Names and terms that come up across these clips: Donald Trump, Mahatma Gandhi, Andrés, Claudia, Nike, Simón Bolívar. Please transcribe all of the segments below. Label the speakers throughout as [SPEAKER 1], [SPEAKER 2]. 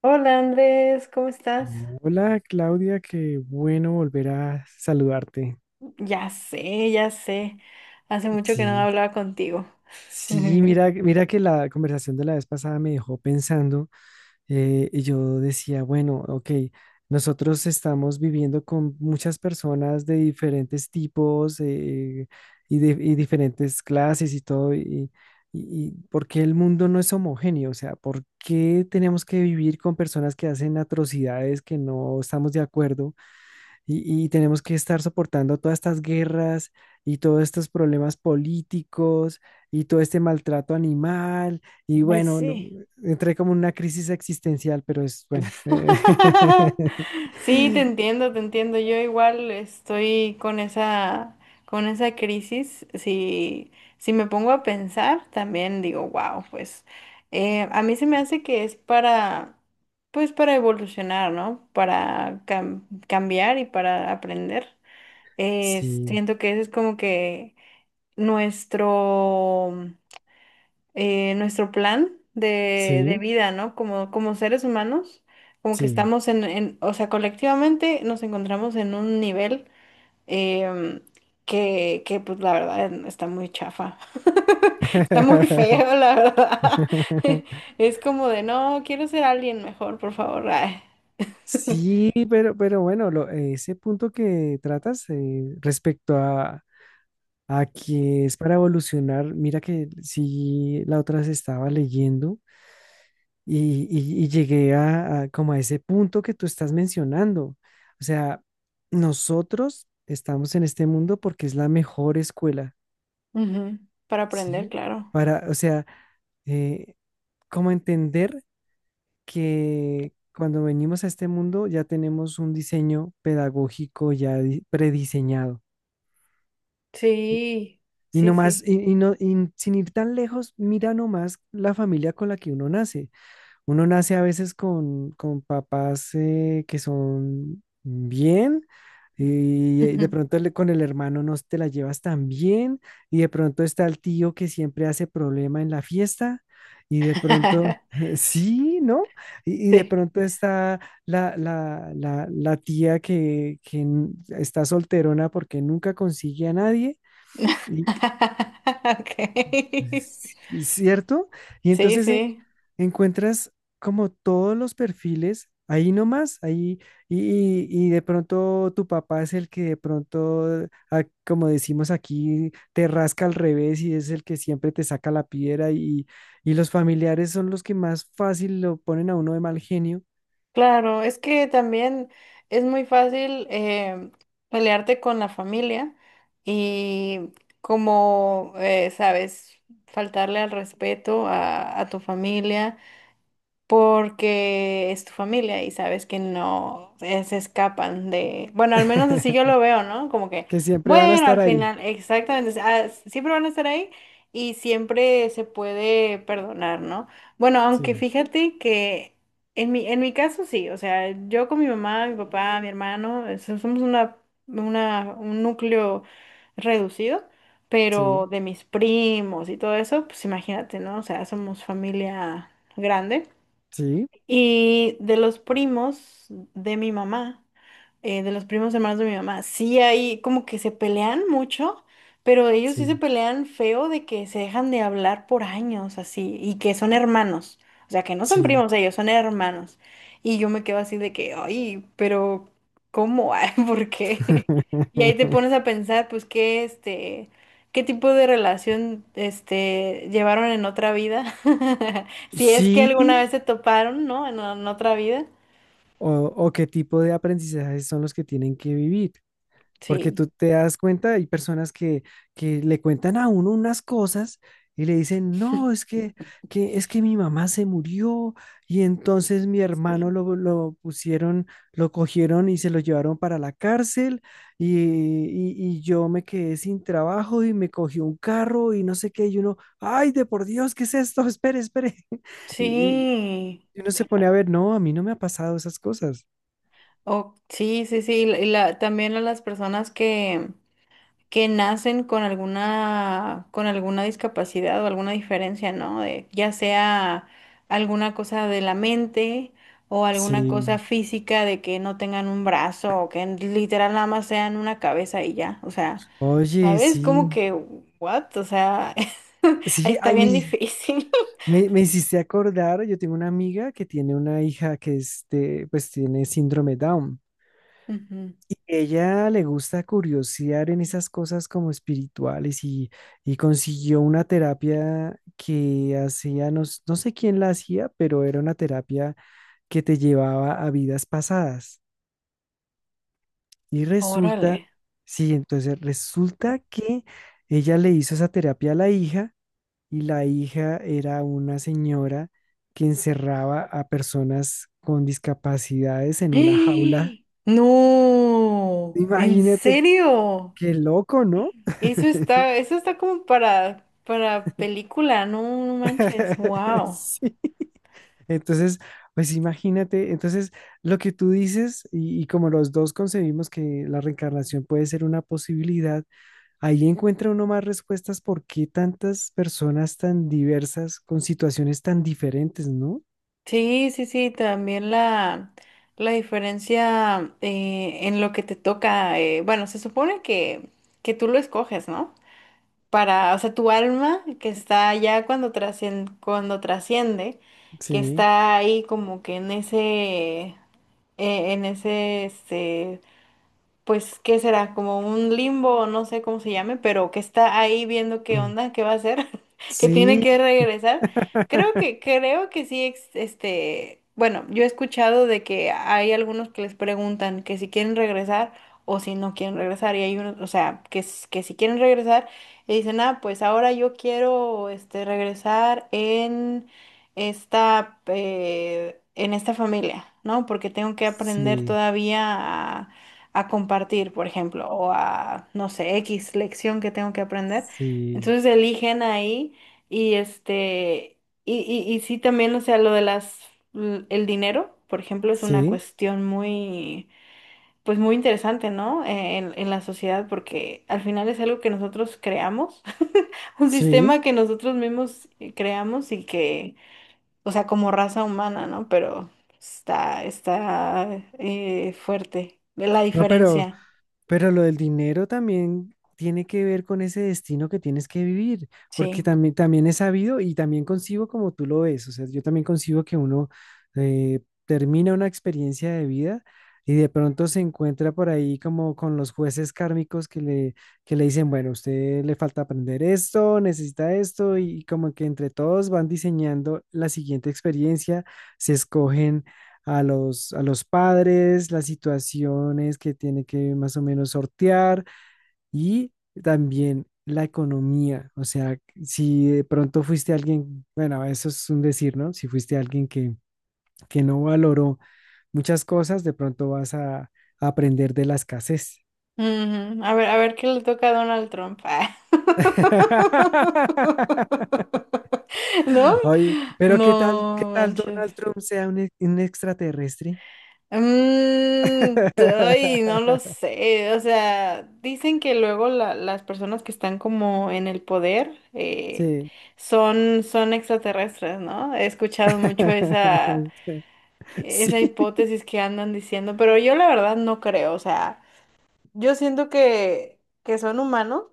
[SPEAKER 1] Hola Andrés, ¿cómo estás?
[SPEAKER 2] Hola Claudia, qué bueno volver a saludarte.
[SPEAKER 1] Ya sé, ya sé. Hace mucho que no
[SPEAKER 2] Sí,
[SPEAKER 1] hablaba contigo.
[SPEAKER 2] sí, mira que la conversación de la vez pasada me dejó pensando. Y yo decía, bueno, ok, nosotros estamos viviendo con muchas personas de diferentes tipos, y diferentes clases y todo, y ¿por qué el mundo no es homogéneo? O sea, ¿por qué tenemos que vivir con personas que hacen atrocidades que no estamos de acuerdo? Y tenemos que estar soportando todas estas guerras y todos estos problemas políticos y todo este maltrato animal. Y
[SPEAKER 1] Ay,
[SPEAKER 2] bueno,
[SPEAKER 1] sí.
[SPEAKER 2] entré como en una crisis existencial, pero es bueno.
[SPEAKER 1] Sí, te entiendo, te entiendo. Yo igual estoy con esa crisis. Si, si me pongo a pensar, también digo, wow, pues a mí se me hace que es para, pues para evolucionar, ¿no? Para cambiar y para aprender.
[SPEAKER 2] Sí,
[SPEAKER 1] Siento que eso es como que nuestro, nuestro plan de
[SPEAKER 2] sí,
[SPEAKER 1] vida, ¿no? Como, como seres humanos, como que
[SPEAKER 2] sí.
[SPEAKER 1] estamos en, o sea, colectivamente nos encontramos en un nivel em, que, pues la verdad está muy chafa, está muy feo, la verdad. Es como de, no, quiero ser alguien mejor, por favor. Ay.
[SPEAKER 2] Sí, pero bueno, ese punto que tratas respecto a que es para evolucionar, mira que sí, la otra se estaba leyendo y llegué a como a ese punto que tú estás mencionando. O sea, nosotros estamos en este mundo porque es la mejor escuela,
[SPEAKER 1] Ujú. Para aprender,
[SPEAKER 2] ¿sí?
[SPEAKER 1] claro.
[SPEAKER 2] Para, o sea, eh, como entender que cuando venimos a este mundo ya tenemos un diseño pedagógico prediseñado. ¿Sí?
[SPEAKER 1] Sí,
[SPEAKER 2] Y
[SPEAKER 1] sí,
[SPEAKER 2] nomás,
[SPEAKER 1] sí.
[SPEAKER 2] y no, y sin ir tan lejos, mira nomás la familia con la que uno nace. Uno nace a veces con papás que son bien y de pronto con el hermano no te la llevas tan bien, y de pronto está el tío que siempre hace problema en la fiesta, y de pronto, sí, ¿no? Y de
[SPEAKER 1] Sí.
[SPEAKER 2] pronto está la tía que está solterona porque nunca consigue a nadie,
[SPEAKER 1] Okay.
[SPEAKER 2] ¿cierto? Y
[SPEAKER 1] Sí,
[SPEAKER 2] entonces
[SPEAKER 1] sí,
[SPEAKER 2] encuentras como todos los perfiles ahí nomás, ahí, y, y de pronto tu papá es el que de pronto, ah, como decimos aquí, te rasca al revés y es el que siempre te saca la piedra y los familiares son los que más fácil lo ponen a uno de mal genio,
[SPEAKER 1] claro, es que también es muy fácil pelearte con la familia y como, sabes, faltarle al respeto a tu familia. Porque es tu familia y sabes que no se escapan de, bueno, al menos así yo lo veo, ¿no? Como que,
[SPEAKER 2] que siempre van a
[SPEAKER 1] bueno,
[SPEAKER 2] estar
[SPEAKER 1] al
[SPEAKER 2] ahí.
[SPEAKER 1] final, exactamente, siempre van a estar ahí y siempre se puede perdonar, ¿no? Bueno, aunque
[SPEAKER 2] Sí,
[SPEAKER 1] fíjate que en mi caso sí, o sea, yo con mi mamá, mi papá, mi hermano, somos una, un núcleo reducido.
[SPEAKER 2] sí,
[SPEAKER 1] Pero de mis primos y todo eso, pues imagínate, ¿no? O sea, somos familia grande.
[SPEAKER 2] sí,
[SPEAKER 1] Y de los primos de mi mamá, de los primos hermanos de mi mamá, sí hay como que se pelean mucho, pero ellos sí se
[SPEAKER 2] sí,
[SPEAKER 1] pelean feo de que se dejan de hablar por años así y que son hermanos, o sea, que no son
[SPEAKER 2] sí.
[SPEAKER 1] primos ellos, son hermanos. Y yo me quedo así de que, ay, pero ¿cómo? Ay, ¿por qué? Y ahí te pones a pensar, pues, qué este, qué tipo de relación este llevaron en otra vida. Si es que
[SPEAKER 2] Sí,
[SPEAKER 1] alguna vez se toparon, ¿no? En otra vida.
[SPEAKER 2] o qué tipo de aprendizajes son los que tienen que vivir. Porque
[SPEAKER 1] Sí.
[SPEAKER 2] tú te das cuenta, hay personas que le cuentan a uno unas cosas y le dicen, no, que, es que mi mamá se murió y entonces mi hermano
[SPEAKER 1] Sí.
[SPEAKER 2] lo pusieron, lo cogieron y se lo llevaron para la cárcel y yo me quedé sin trabajo y me cogió un carro y no sé qué. Y uno, ay, de por Dios, ¿qué es esto? Espere, espere. Y, y,
[SPEAKER 1] Sí,
[SPEAKER 2] y uno se pone a ver, no, a mí no me ha pasado esas cosas.
[SPEAKER 1] o sí, sí, sí. Y la, también a las personas que nacen con alguna discapacidad o alguna diferencia, ¿no? De, ya sea alguna cosa de la mente o alguna cosa
[SPEAKER 2] Sí,
[SPEAKER 1] física de que no tengan un brazo o que literal nada más sean una cabeza y ya. O sea,
[SPEAKER 2] oye,
[SPEAKER 1] ¿sabes? Como
[SPEAKER 2] sí,
[SPEAKER 1] que, what? O sea, ahí
[SPEAKER 2] sí,
[SPEAKER 1] está
[SPEAKER 2] ay,
[SPEAKER 1] bien difícil.
[SPEAKER 2] me hiciste acordar, yo tengo una amiga que tiene una hija que este, pues tiene síndrome Down.
[SPEAKER 1] Ujú.
[SPEAKER 2] Ella le gusta curiosear en esas cosas como espirituales y consiguió una terapia que hacía, no, no sé quién la hacía, pero era una terapia que te llevaba a vidas pasadas. Y
[SPEAKER 1] Órale.
[SPEAKER 2] resulta, sí, entonces resulta que ella le hizo esa terapia a la hija. Y la hija era una señora que encerraba a personas con discapacidades en una
[SPEAKER 1] ¡Ah!
[SPEAKER 2] jaula.
[SPEAKER 1] No, ¿en
[SPEAKER 2] Imagínate
[SPEAKER 1] serio?
[SPEAKER 2] qué loco, ¿no?
[SPEAKER 1] Eso está como para película, no, no manches, wow.
[SPEAKER 2] Sí. Entonces, pues imagínate, entonces lo que tú dices y como los dos concebimos que la reencarnación puede ser una posibilidad, ahí encuentra uno más respuestas por qué tantas personas tan diversas con situaciones tan diferentes, ¿no?
[SPEAKER 1] Sí, sí, sí, también la diferencia en lo que te toca, bueno, se supone que tú lo escoges, ¿no? Para, o sea, tu alma que está ya cuando trasciende, que
[SPEAKER 2] Sí.
[SPEAKER 1] está ahí como que en ese, este, pues, ¿qué será? Como un limbo, no sé cómo se llame, pero que está ahí viendo qué
[SPEAKER 2] Mm.
[SPEAKER 1] onda, qué va a hacer, que tiene que
[SPEAKER 2] Sí,
[SPEAKER 1] regresar. Creo que sí, este, bueno, yo he escuchado de que hay algunos que les preguntan que si quieren regresar o si no quieren regresar, y hay unos, o sea, que, que si quieren regresar, y dicen, ah, pues ahora yo quiero, este, regresar en esta familia, ¿no? Porque tengo que aprender
[SPEAKER 2] sí,
[SPEAKER 1] todavía a compartir, por ejemplo, o a, no sé, X lección que tengo que aprender.
[SPEAKER 2] sí,
[SPEAKER 1] Entonces eligen ahí y este, y sí también, o sea, lo de las, el dinero, por ejemplo, es una
[SPEAKER 2] sí,
[SPEAKER 1] cuestión muy, pues muy interesante, ¿no? En la sociedad, porque al final es algo que nosotros creamos, un
[SPEAKER 2] sí.
[SPEAKER 1] sistema que nosotros mismos creamos y que, o sea, como raza humana, ¿no? Pero está, está fuerte la
[SPEAKER 2] No, pero,
[SPEAKER 1] diferencia,
[SPEAKER 2] Pero lo del dinero también tiene que ver con ese destino que tienes que vivir, porque
[SPEAKER 1] sí.
[SPEAKER 2] también, también he sabido y también concibo como tú lo ves, o sea, yo también concibo que uno termina una experiencia de vida y de pronto se encuentra por ahí como con los jueces kármicos que le dicen, bueno, usted le falta aprender esto, necesita esto, y como que entre todos van diseñando la siguiente experiencia, se escogen a los padres, las situaciones que tiene que más o menos sortear y también la economía. O sea, si de pronto fuiste alguien, bueno, eso es un decir, ¿no? Si fuiste alguien que no valoró muchas cosas, de pronto a aprender de la escasez.
[SPEAKER 1] Ujú. A ver qué le toca a Donald Trump. Ah, ¿no?
[SPEAKER 2] Oye, pero qué
[SPEAKER 1] No
[SPEAKER 2] tal
[SPEAKER 1] manches.
[SPEAKER 2] Donald Trump sea un extraterrestre?
[SPEAKER 1] Mm, ay, no lo sé. O sea, dicen que luego las personas que están como en el poder
[SPEAKER 2] Sí.
[SPEAKER 1] son, son extraterrestres, ¿no? He escuchado mucho esa,
[SPEAKER 2] Sí,
[SPEAKER 1] esa hipótesis que andan diciendo, pero yo la verdad no creo. O sea, yo siento que son humanos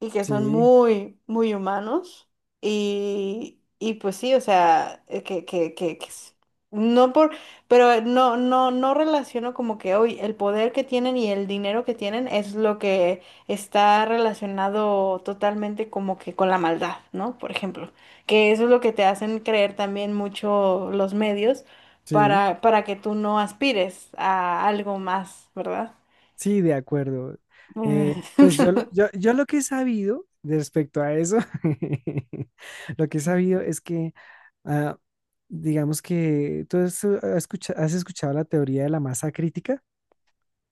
[SPEAKER 1] y que son
[SPEAKER 2] sí.
[SPEAKER 1] muy, muy humanos. Y pues sí, o sea, no por, pero no, no, no relaciono como que hoy el poder que tienen y el dinero que tienen es lo que está relacionado totalmente como que con la maldad, ¿no? Por ejemplo, que eso es lo que te hacen creer también mucho los medios
[SPEAKER 2] Sí,
[SPEAKER 1] para que tú no aspires a algo más, ¿verdad?
[SPEAKER 2] sí, de acuerdo. Pues yo, yo lo que he sabido de respecto a eso, lo que he sabido es que, ah, digamos que tú has, has escuchado la teoría de la masa crítica.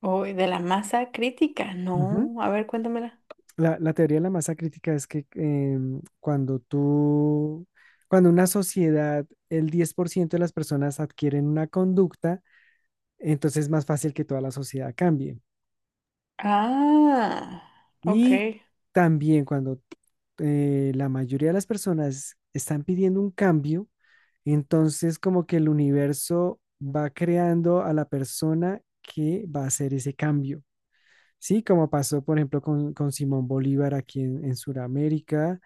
[SPEAKER 1] Uy, de la masa crítica.
[SPEAKER 2] Ujú.
[SPEAKER 1] No, a ver, cuéntamela.
[SPEAKER 2] La teoría de la masa crítica es que cuando tú, cuando una sociedad, el 10% de las personas adquieren una conducta, entonces es más fácil que toda la sociedad cambie.
[SPEAKER 1] Ah, ok.
[SPEAKER 2] Y también cuando la mayoría de las personas están pidiendo un cambio, entonces como que el universo va creando a la persona que va a hacer ese cambio. Sí, como pasó, por ejemplo, con Simón Bolívar aquí en Sudamérica,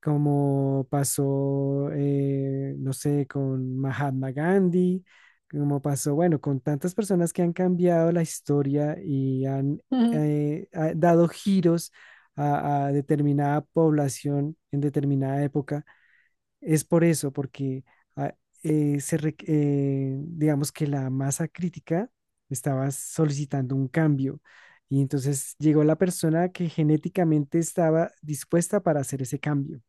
[SPEAKER 2] como pasó, no sé, con Mahatma Gandhi, como pasó, bueno, con tantas personas que han cambiado la historia y han
[SPEAKER 1] Ujú.
[SPEAKER 2] ha dado giros a determinada población en determinada época, es por eso, porque ah, digamos que la masa crítica estaba solicitando un cambio. Y entonces llegó la persona que genéticamente estaba dispuesta para hacer ese cambio.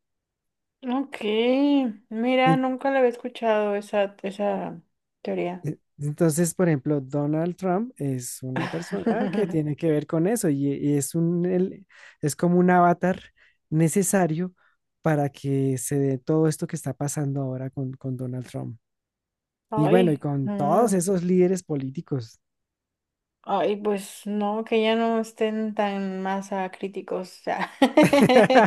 [SPEAKER 1] Ok. Mira, nunca la había escuchado esa, esa teoría.
[SPEAKER 2] Entonces, por ejemplo, Donald Trump es una persona que tiene que ver con eso y es es como un avatar necesario para que se dé todo esto que está pasando ahora con Donald Trump. Y bueno, y
[SPEAKER 1] Ay,
[SPEAKER 2] con todos
[SPEAKER 1] no.
[SPEAKER 2] esos líderes políticos.
[SPEAKER 1] Ay, pues no, que ya no estén tan masa críticos. O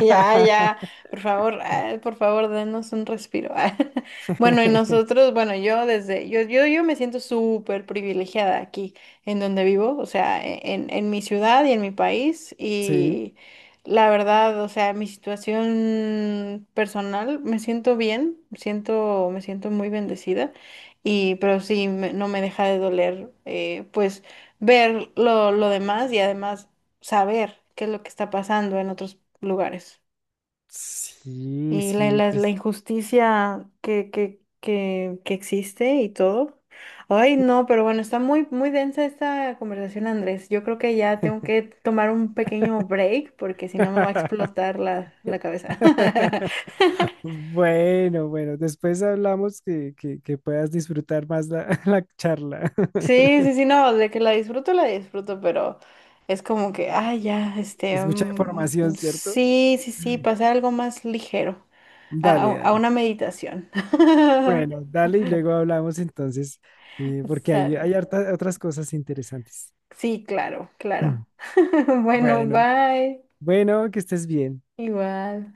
[SPEAKER 1] ya, ya, por favor, ah, por favor, denos un respiro. Ah. Bueno, y nosotros, bueno, yo desde, yo me siento súper privilegiada aquí en donde vivo, o sea, en mi ciudad y en mi país.
[SPEAKER 2] Sí,
[SPEAKER 1] Y la verdad, o sea, mi situación personal, me siento bien, siento, me siento muy bendecida. Y, pero sí, no me deja de doler, pues ver lo demás y además saber qué es lo que está pasando en otros lugares.
[SPEAKER 2] sí,
[SPEAKER 1] Y la,
[SPEAKER 2] sí,
[SPEAKER 1] la, la
[SPEAKER 2] pues.
[SPEAKER 1] injusticia que existe y todo. Ay, no, pero bueno, está muy, muy densa esta conversación, Andrés. Yo creo que ya tengo que tomar un pequeño break porque si no me va a explotar la, la cabeza.
[SPEAKER 2] Bueno, bueno, después hablamos que puedas disfrutar más la, la charla.
[SPEAKER 1] Sí, sí, sí, no, de que la disfruto, pero es como que, ay, ya, este,
[SPEAKER 2] Es mucha información, ¿cierto?
[SPEAKER 1] sí, sí, sí, pasar algo más ligero. A,
[SPEAKER 2] Dale,
[SPEAKER 1] a
[SPEAKER 2] dale.
[SPEAKER 1] una meditación.
[SPEAKER 2] Bueno, dale y luego hablamos entonces, porque hay,
[SPEAKER 1] Sale.
[SPEAKER 2] otras cosas interesantes.
[SPEAKER 1] Sí, claro, claro. Bueno,
[SPEAKER 2] Bueno,
[SPEAKER 1] bye.
[SPEAKER 2] bueno, que estés bien.
[SPEAKER 1] Igual.